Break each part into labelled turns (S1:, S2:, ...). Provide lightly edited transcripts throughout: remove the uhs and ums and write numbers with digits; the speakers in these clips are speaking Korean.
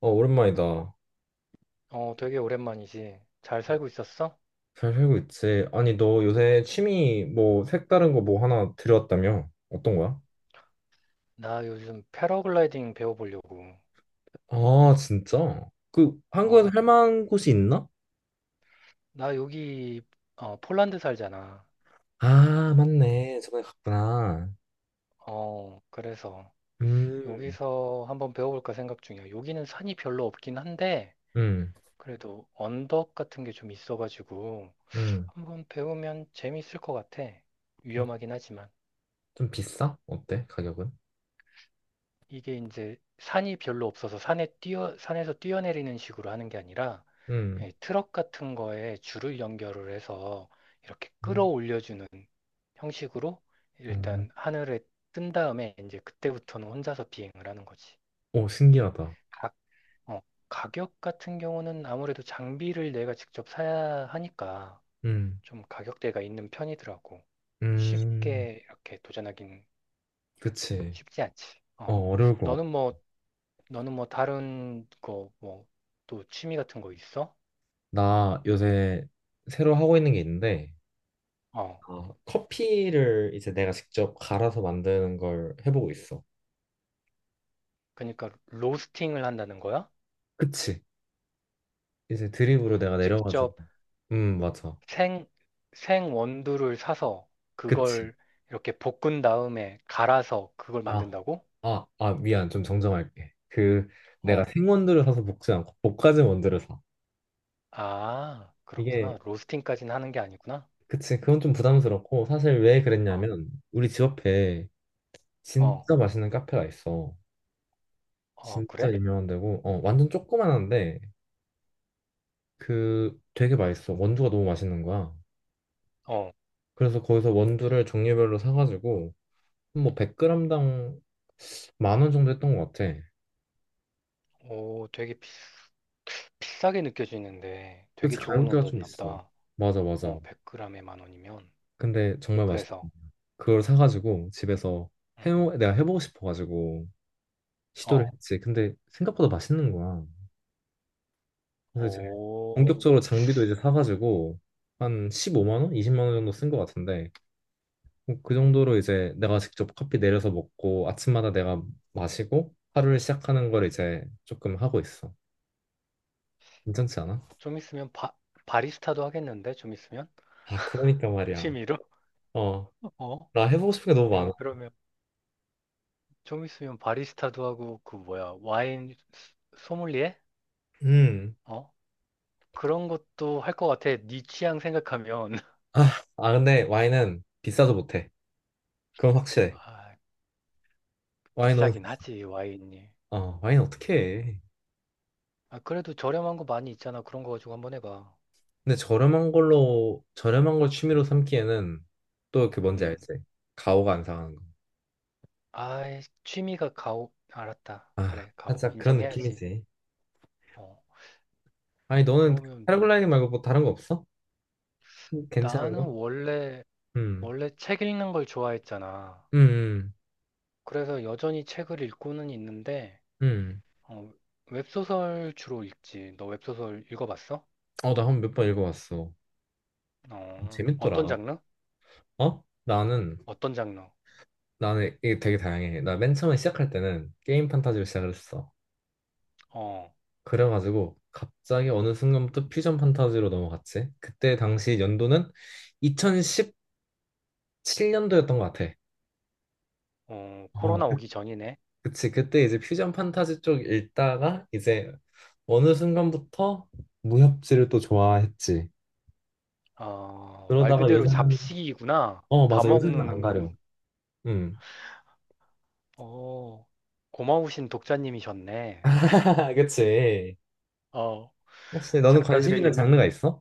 S1: 어, 오랜만이다.
S2: 되게 오랜만이지. 잘 살고 있었어?
S1: 잘 살고 있지? 아니, 너 요새 취미 뭐 색다른 거 뭐 하나 들여왔다며? 어떤 거야?
S2: 나 요즘 패러글라이딩 배워보려고.
S1: 아, 진짜? 그 한국에서
S2: 어,
S1: 할 만한 곳이 있나?
S2: 나 여기, 폴란드 살잖아.
S1: 아, 맞네. 저번에 갔구나.
S2: 그래서
S1: 음,
S2: 여기서 한번 배워볼까 생각 중이야. 여기는 산이 별로 없긴 한데,
S1: 음,
S2: 그래도 언덕 같은 게 좀 있어가지고,
S1: 음.
S2: 한번 배우면 재밌을 것 같아. 위험하긴 하지만.
S1: 좀 비싸? 어때? 가격은?
S2: 이게 이제 산이 별로 없어서 산에서 뛰어내리는 식으로 하는 게 아니라,
S1: 음.
S2: 예, 트럭 같은 거에 줄을 연결을 해서 이렇게
S1: 음.
S2: 끌어올려주는 형식으로
S1: 어,
S2: 일단 하늘에 뜬 다음에 이제 그때부터는 혼자서 비행을 하는 거지.
S1: 오, 신기하다.
S2: 가 어, 가격 같은 경우는 아무래도 장비를 내가 직접 사야 하니까
S1: 음,
S2: 좀 가격대가 있는 편이더라고.
S1: 음,
S2: 쉽게 이렇게 도전하긴
S1: 그치.
S2: 쉽지 않지.
S1: 어,
S2: 어.
S1: 어려울 것 같아.
S2: 너는 뭐, 너는 뭐 다른 거, 뭐, 또 취미 같은 거 있어?
S1: 나 요새 새로 하고 있는 게 있는데,
S2: 어.
S1: 아, 커피를 이제 내가 직접 갈아서 만드는 걸 해보고 있어.
S2: 그러니까 로스팅을 한다는 거야?
S1: 그치. 이제 드립으로 내가 내려가지고.
S2: 직접
S1: 맞아.
S2: 생, 생 원두를 사서
S1: 그치.
S2: 그걸 이렇게 볶은 다음에 갈아서 그걸
S1: 아,
S2: 만든다고?
S1: 아, 미안. 좀 정정할게. 그, 내가
S2: 어,
S1: 생원두를 사서 볶지 않고 볶아진 원두를 사. 이게,
S2: 그렇구나. 로스팅까지는 하는 게 아니구나.
S1: 그치. 그건 좀 부담스럽고, 사실 왜
S2: 어,
S1: 그랬냐면, 우리 집 앞에
S2: 어,
S1: 진짜 맛있는 카페가 있어. 진짜
S2: 그래?
S1: 유명한 데고, 어, 완전 조그만한데, 그, 되게 맛있어. 원두가 너무 맛있는 거야.
S2: 어,
S1: 그래서 거기서 원두를 종류별로 사가지고 뭐 100g당 10,000원 정도 했던 것 같아.
S2: 되게 비싸게 느껴지는데 되게
S1: 그치,
S2: 좋은
S1: 가격대가 좀
S2: 원두였나
S1: 있어.
S2: 보다.
S1: 맞아, 맞아.
S2: 100g에 만 원이면.
S1: 근데 정말 맛있다.
S2: 그래서,
S1: 그걸 사가지고 집에서
S2: 음,
S1: 해 내가 해보고 싶어가지고 시도를
S2: 어,
S1: 했지. 근데 생각보다 맛있는 거야. 그래서 이제
S2: 오,
S1: 본격적으로 장비도 이제 사가지고 한 15만 원, 20만 원 정도 쓴 것 같은데 뭐그 정도로 이제 내가 직접 커피 내려서 먹고 아침마다 내가 마시고 하루를 시작하는 걸 이제 조금 하고 있어. 괜찮지 않아?
S2: 좀 있으면 바리스타도 하겠는데? 좀 있으면?
S1: 아, 그러니까 말이야.
S2: 취미로?
S1: 어,
S2: 어,
S1: 나 해보고 싶은 게 너무
S2: 야,
S1: 많아.
S2: 그러면. 좀 있으면 바리스타도 하고 그 뭐야 와인 소믈리에?
S1: 음.
S2: 어? 그런 것도 할 것 같아. 네 취향 생각하면
S1: 아, 아, 근데 와인은 비싸도 못해. 그건 확실해.
S2: 아,
S1: 와인 너무
S2: 비싸긴
S1: 비싸.
S2: 하지 와인이.
S1: 어, 와인 어떻게 해.
S2: 그래도 저렴한 거 많이 있잖아. 그런 거 가지고 한번 해봐.
S1: 근데 저렴한 걸 취미로 삼기에는 또 그 뭔지
S2: 음.
S1: 알지? 가오가 안 상하는 거.
S2: 아, 취미가 가오. 알았다.
S1: 아,
S2: 그래, 가오.
S1: 살짝 그런
S2: 인정해야지.
S1: 느낌이지.
S2: 어.
S1: 아니, 너는
S2: 그러면
S1: 패러글라이딩 말고 뭐 다른 거 없어? 괜찮은
S2: 나는
S1: 거?
S2: 원래
S1: 음,
S2: 원래 책 읽는 걸 좋아했잖아.
S1: 음, 음.
S2: 그래서 여전히 책을 읽고는 있는데
S1: 음.
S2: 어, 웹소설 주로 읽지. 너 웹소설 읽어봤어?
S1: 어, 나 한 몇 번 읽어봤어.
S2: 어떤
S1: 재밌더라.
S2: 장르?
S1: 어? 나는
S2: 어떤 장르?
S1: 나는 이게 되게 다양해. 나 맨 처음에 시작할 때는 게임 판타지로 시작을 했어.
S2: 어,
S1: 그래가지고 갑자기 어느 순간부터 퓨전 판타지로 넘어갔지. 그때 당시 연도는 2017년도였던 것 같아. 어,
S2: 코로나 오기 전이네.
S1: 그치. 그때 이제 퓨전 판타지 쪽 읽다가 이제 어느 순간부터 무협지를 또 좋아했지.
S2: 말
S1: 그러다가
S2: 그대로
S1: 요새는,
S2: 잡식이구나.
S1: 어,
S2: 다
S1: 맞아, 요새는
S2: 먹는,
S1: 안
S2: 음,
S1: 가려. 음.
S2: 어, 고마우신 독자님이셨네.
S1: 그치.
S2: 어,
S1: 혹시 너는 관심 있는
S2: 작가들에게
S1: 장르가 있어?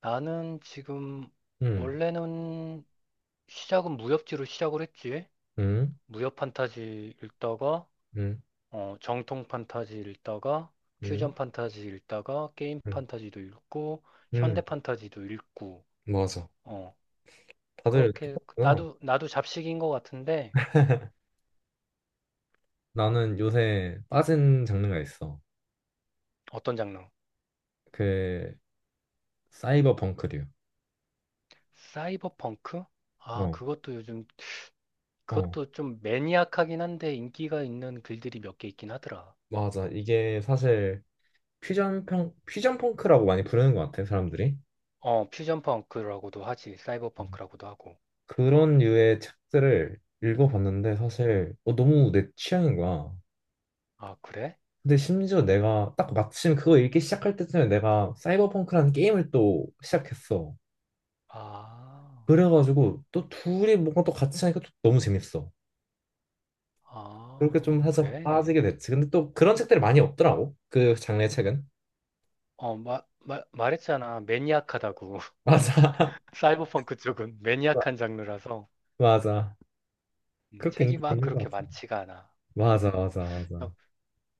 S2: 나는 지금
S1: 음.
S2: 원래는 시작은 무협지로 시작을 했지.
S1: 음.
S2: 무협 판타지 읽다가,
S1: 음.
S2: 정통 판타지 읽다가,
S1: 음.
S2: 퓨전 판타지 읽다가, 게임
S1: 음.
S2: 판타지도 읽고, 현대
S1: 음.
S2: 판타지도 읽고,
S1: 맞아.
S2: 어,
S1: 다들
S2: 그렇게 그
S1: 똑같구나.
S2: 나도 잡식인 것 같은데
S1: 나는 요새 빠진 장르가 있어.
S2: 어떤 장르?
S1: 그 사이버 펑크류.
S2: 사이버펑크?
S1: 어,
S2: 그것도 요즘
S1: 어,
S2: 그것도 좀 매니악하긴 한데 인기가 있는 글들이 몇 개 있긴 하더라.
S1: 맞아. 이게 사실 퓨전 펑크라고 많이 부르는 것 같아, 사람들이.
S2: 퓨전 펑크라고도 하지. 사이버펑크라고도 하고.
S1: 그런 류의 책들을 읽어봤는데 사실 어, 너무 내 취향인 거야.
S2: 그래?
S1: 근데 심지어 내가 딱 마침 그거 읽기 시작할 때쯤에 내가 사이버펑크라는 게임을 또 시작했어.
S2: 아,
S1: 그래가지고 또 둘이 뭔가 또 같이 하니까 또 너무 재밌어. 그러니까 좀 해서
S2: 그래?
S1: 빠지게 됐지. 근데 또 그런 책들이 많이 없더라고. 그 장르의 책은.
S2: 말했잖아. 매니악하다고.
S1: 맞아.
S2: 사이버펑크 쪽은 매니악한 장르라서
S1: 맞아. 그렇게
S2: 책이
S1: 인기가
S2: 막
S1: 있는
S2: 그렇게
S1: 것 같아.
S2: 많지가 않아.
S1: 맞아,
S2: 어.
S1: 맞아, 맞아.
S2: 야,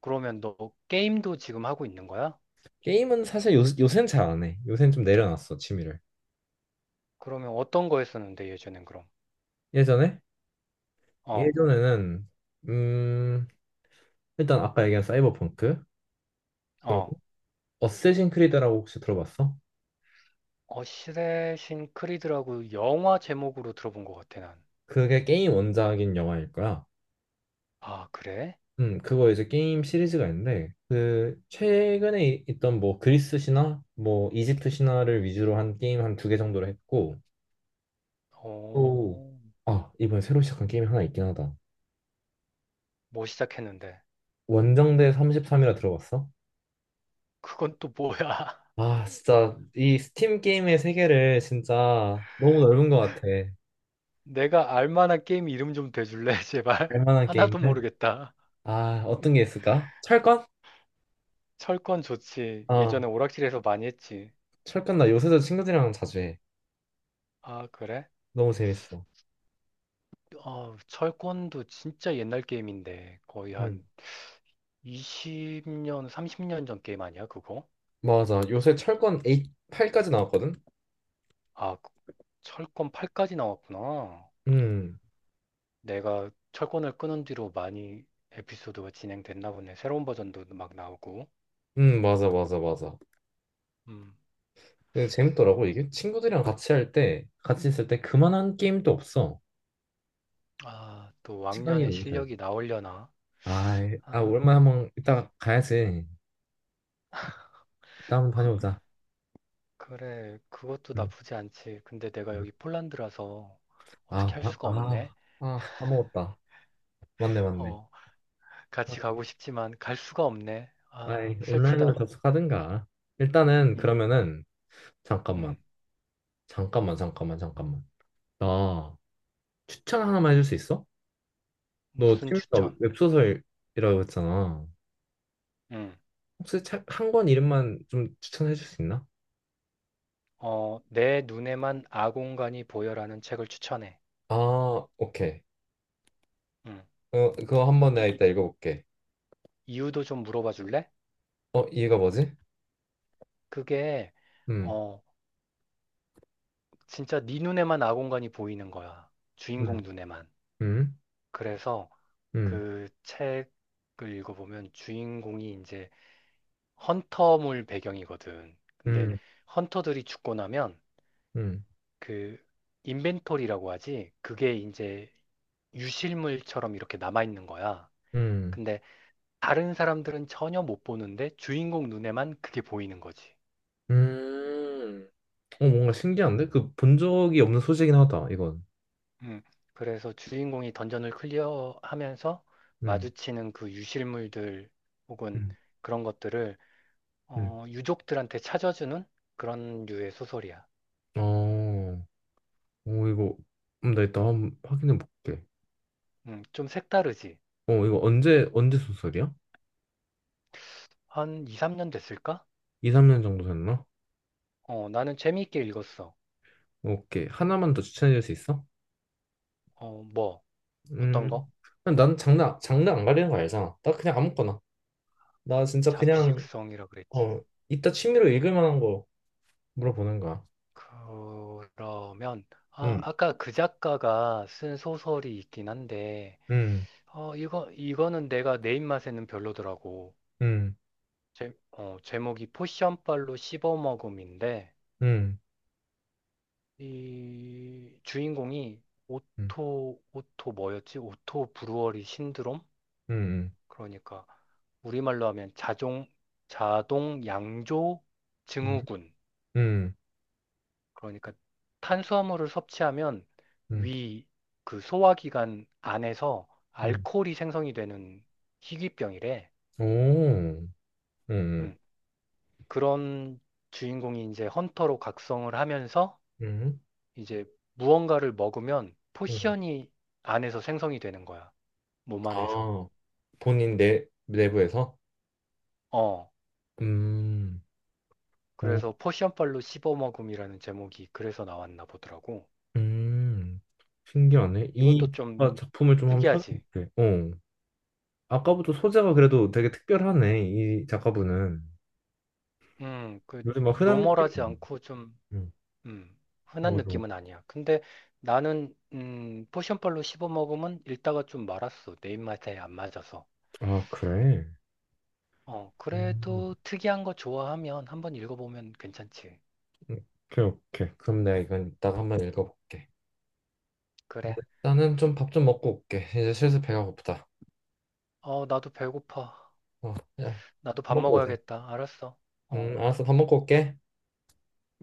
S2: 그러면 너 게임도 지금 하고 있는 거야?
S1: 게임은 사실 요새는 잘 안 해. 요새는 좀 내려놨어, 취미를.
S2: 그러면 어떤 거 했었는데 예전엔 그럼?
S1: 예전에?
S2: 어,
S1: 예전에는, 음, 일단 아까 얘기한 사이버펑크. 그리고
S2: 어.
S1: 어쌔신 크리드라고 혹시 들어봤어?
S2: 어시레신 크리드라고 영화 제목으로 들어본 것 같아 난.
S1: 그게 게임 원작인 영화일 거야.
S2: 그래?
S1: 그거 이제 게임 시리즈가 있는데, 그, 최근에 있던 뭐 그리스 신화, 뭐 이집트 신화를 위주로 한 게임 한 두 개 정도를 했고, 또,
S2: 어,
S1: 아, 이번에 새로 시작한 게임이 하나 있긴 하다.
S2: 뭐 시작했는데.
S1: 원정대 33이라 들어봤어?
S2: 그건 또 뭐야?
S1: 아, 진짜, 이 스팀 게임의 세계를 진짜 너무 넓은 것 같아.
S2: 내가 알 만한 게임 이름 좀 대줄래, 제발?
S1: 알만한
S2: 하나도
S1: 게임들?
S2: 모르겠다.
S1: 아, 어떤 게 있을까? 철권?
S2: 철권 좋지.
S1: 아,
S2: 예전에 오락실에서 많이 했지.
S1: 철권 나 요새도 친구들이랑 자주 해.
S2: 그래?
S1: 너무 재밌어.
S2: 철권도 진짜 옛날 게임인데. 거의
S1: 음,
S2: 한 20년, 30년 전 게임 아니야, 그거?
S1: 맞아. 요새 철권 8, 팔까지 나왔거든?
S2: 아, 그- 철권 8까지 나왔구나.
S1: 응
S2: 내가 철권을 끊은 뒤로 많이 에피소드가 진행됐나 보네. 새로운 버전도 막 나오고.
S1: 맞아, 맞아, 맞아.
S2: 음.
S1: 근데 재밌더라고, 이게. 친구들이랑 같이 할 때, 같이 있을 때 그만한 게임도 없어.
S2: 또
S1: 시간이
S2: 왕년의
S1: 너무 잘 가.
S2: 실력이 나오려나?
S1: 아,
S2: 아,
S1: 오랜만에 한번 이따가 가야지. 이따 한번 다녀오자.
S2: 그래. 그것도
S1: 음.
S2: 나쁘지 않지. 근데 내가
S1: 음.
S2: 여기 폴란드라서
S1: 아,
S2: 어떻게 할
S1: 화-
S2: 수가 없네.
S1: 아, 아, 까먹었다. 맞네, 맞네.
S2: 어, 같이 가고 싶지만 갈 수가 없네.
S1: 아이, 온라인으로
S2: 슬프다.
S1: 접속하든가. 일단은,
S2: 음,
S1: 그러면은, 잠깐만,
S2: 음.
S1: 잠깐만, 잠깐만, 잠깐만. 나 추천 하나만 해줄 수 있어? 너
S2: 무슨
S1: 취미가
S2: 추천?
S1: 웹소설이라고 했잖아.
S2: 음.
S1: 혹시 책 한 권 이름만 좀 추천해 줄 수 있나?
S2: 내 눈에만 아공간이 보여라는 책을 추천해.
S1: 아, 오케이.
S2: 음.
S1: 어, 그거 한번 내가
S2: 이,
S1: 이따 읽어볼게.
S2: 이유도 좀 물어봐 줄래?
S1: 어, 얘가 뭐지?
S2: 그게
S1: 음,
S2: 어 진짜 네 눈에만 아공간이 보이는 거야. 주인공
S1: 음.
S2: 눈에만.
S1: 음,
S2: 그래서
S1: 음,
S2: 그 책을 읽어보면 주인공이 이제 헌터물 배경이거든. 근데
S1: 음,
S2: 헌터들이 죽고 나면
S1: 음,
S2: 그 인벤토리라고 하지. 그게 이제 유실물처럼 이렇게 남아있는 거야.
S1: 음,
S2: 근데 다른 사람들은 전혀 못 보는데 주인공 눈에만 그게 보이는 거지.
S1: 음. 어, 뭔가 신기한데? 그 본 적이 없는 소재긴 하다, 이건.
S2: 음, 그래서 주인공이 던전을 클리어하면서
S1: 음,
S2: 마주치는 그 유실물들 혹은
S1: 음.
S2: 그런 것들을
S1: 음.
S2: 유족들한테 찾아주는 그런 류의 소설이야.
S1: 어, 오, 이거. 나 이따 한번 확인해 볼게.
S2: 좀 색다르지.
S1: 어, 이거 언제 소설이야?
S2: 한 2, 3년 됐을까?
S1: 2, 3년 정도 됐나?
S2: 나는 재미있게 읽었어.
S1: 오케이. 하나만 더 추천해 줄 수 있어?
S2: 뭐, 어떤 거?
S1: 음, 난 장르, 장르 안 가리는 거 알잖아. 나 그냥 아무거나. 나 진짜 그냥,
S2: 잡식성이라 그랬지.
S1: 어, 이따 취미로 읽을 만한 거 물어보는 거야.
S2: 그러면,
S1: 음,
S2: 아까 그 작가가 쓴 소설이 있긴 한데,
S1: 음,
S2: 이거는 내가 내 입맛에는 별로더라고.
S1: 음,
S2: 제목이 포션빨로 씹어먹음인데
S1: 음,
S2: 이 주인공이
S1: 음,
S2: 오토 뭐였지? 오토 브루어리 신드롬?
S1: 음,
S2: 그러니까 우리말로 하면 자동 양조
S1: 음,
S2: 증후군.
S1: 음,
S2: 그러니까 탄수화물을 섭취하면
S1: 음,
S2: 위 그 소화기관 안에서
S1: 음.
S2: 알코올이 생성이 되는 희귀병이래.
S1: 오, 음,
S2: 음, 그런 주인공이 이제 헌터로 각성을 하면서
S1: 음,
S2: 이제 무언가를 먹으면
S1: 음.
S2: 포션이 안에서 생성이 되는 거야. 몸 안에서.
S1: 아, 본인 내부에서?
S2: 어.
S1: 음, 오,
S2: 그래서 포션빨로 씹어먹음이라는 제목이 그래서 나왔나 보더라고.
S1: 음, 신기하네.
S2: 이것도
S1: 이
S2: 좀
S1: 작가 작품을 좀 한번
S2: 특이하지.
S1: 찾아볼게. 어. 아까부터 소재가 그래도 되게 특별하네, 이 작가분은.
S2: 그
S1: 요즘 막 흔한 느낌?
S2: 노멀하지 않고 좀
S1: 음,
S2: 음, 흔한
S1: 뭐, 좀.
S2: 느낌은 아니야. 근데 나는 포션빨로 씹어먹으면 읽다가 좀 말았어. 내 입맛에 안 맞아서.
S1: 아, 그래? 음,
S2: 그래도 특이한 거 좋아하면 한번 읽어보면 괜찮지.
S1: 오케이, 오케이. 그럼 내가 이건 이따가 한번 읽어볼게.
S2: 그래.
S1: 나는 좀 밥 좀 먹고 올게. 이제 슬슬 배가 고프다.
S2: 어, 나도 배고파.
S1: 어, 야,
S2: 나도 밥
S1: 먹고 오자.
S2: 먹어야겠다. 알았어. 어.
S1: 알았어. 밥 먹고 올게.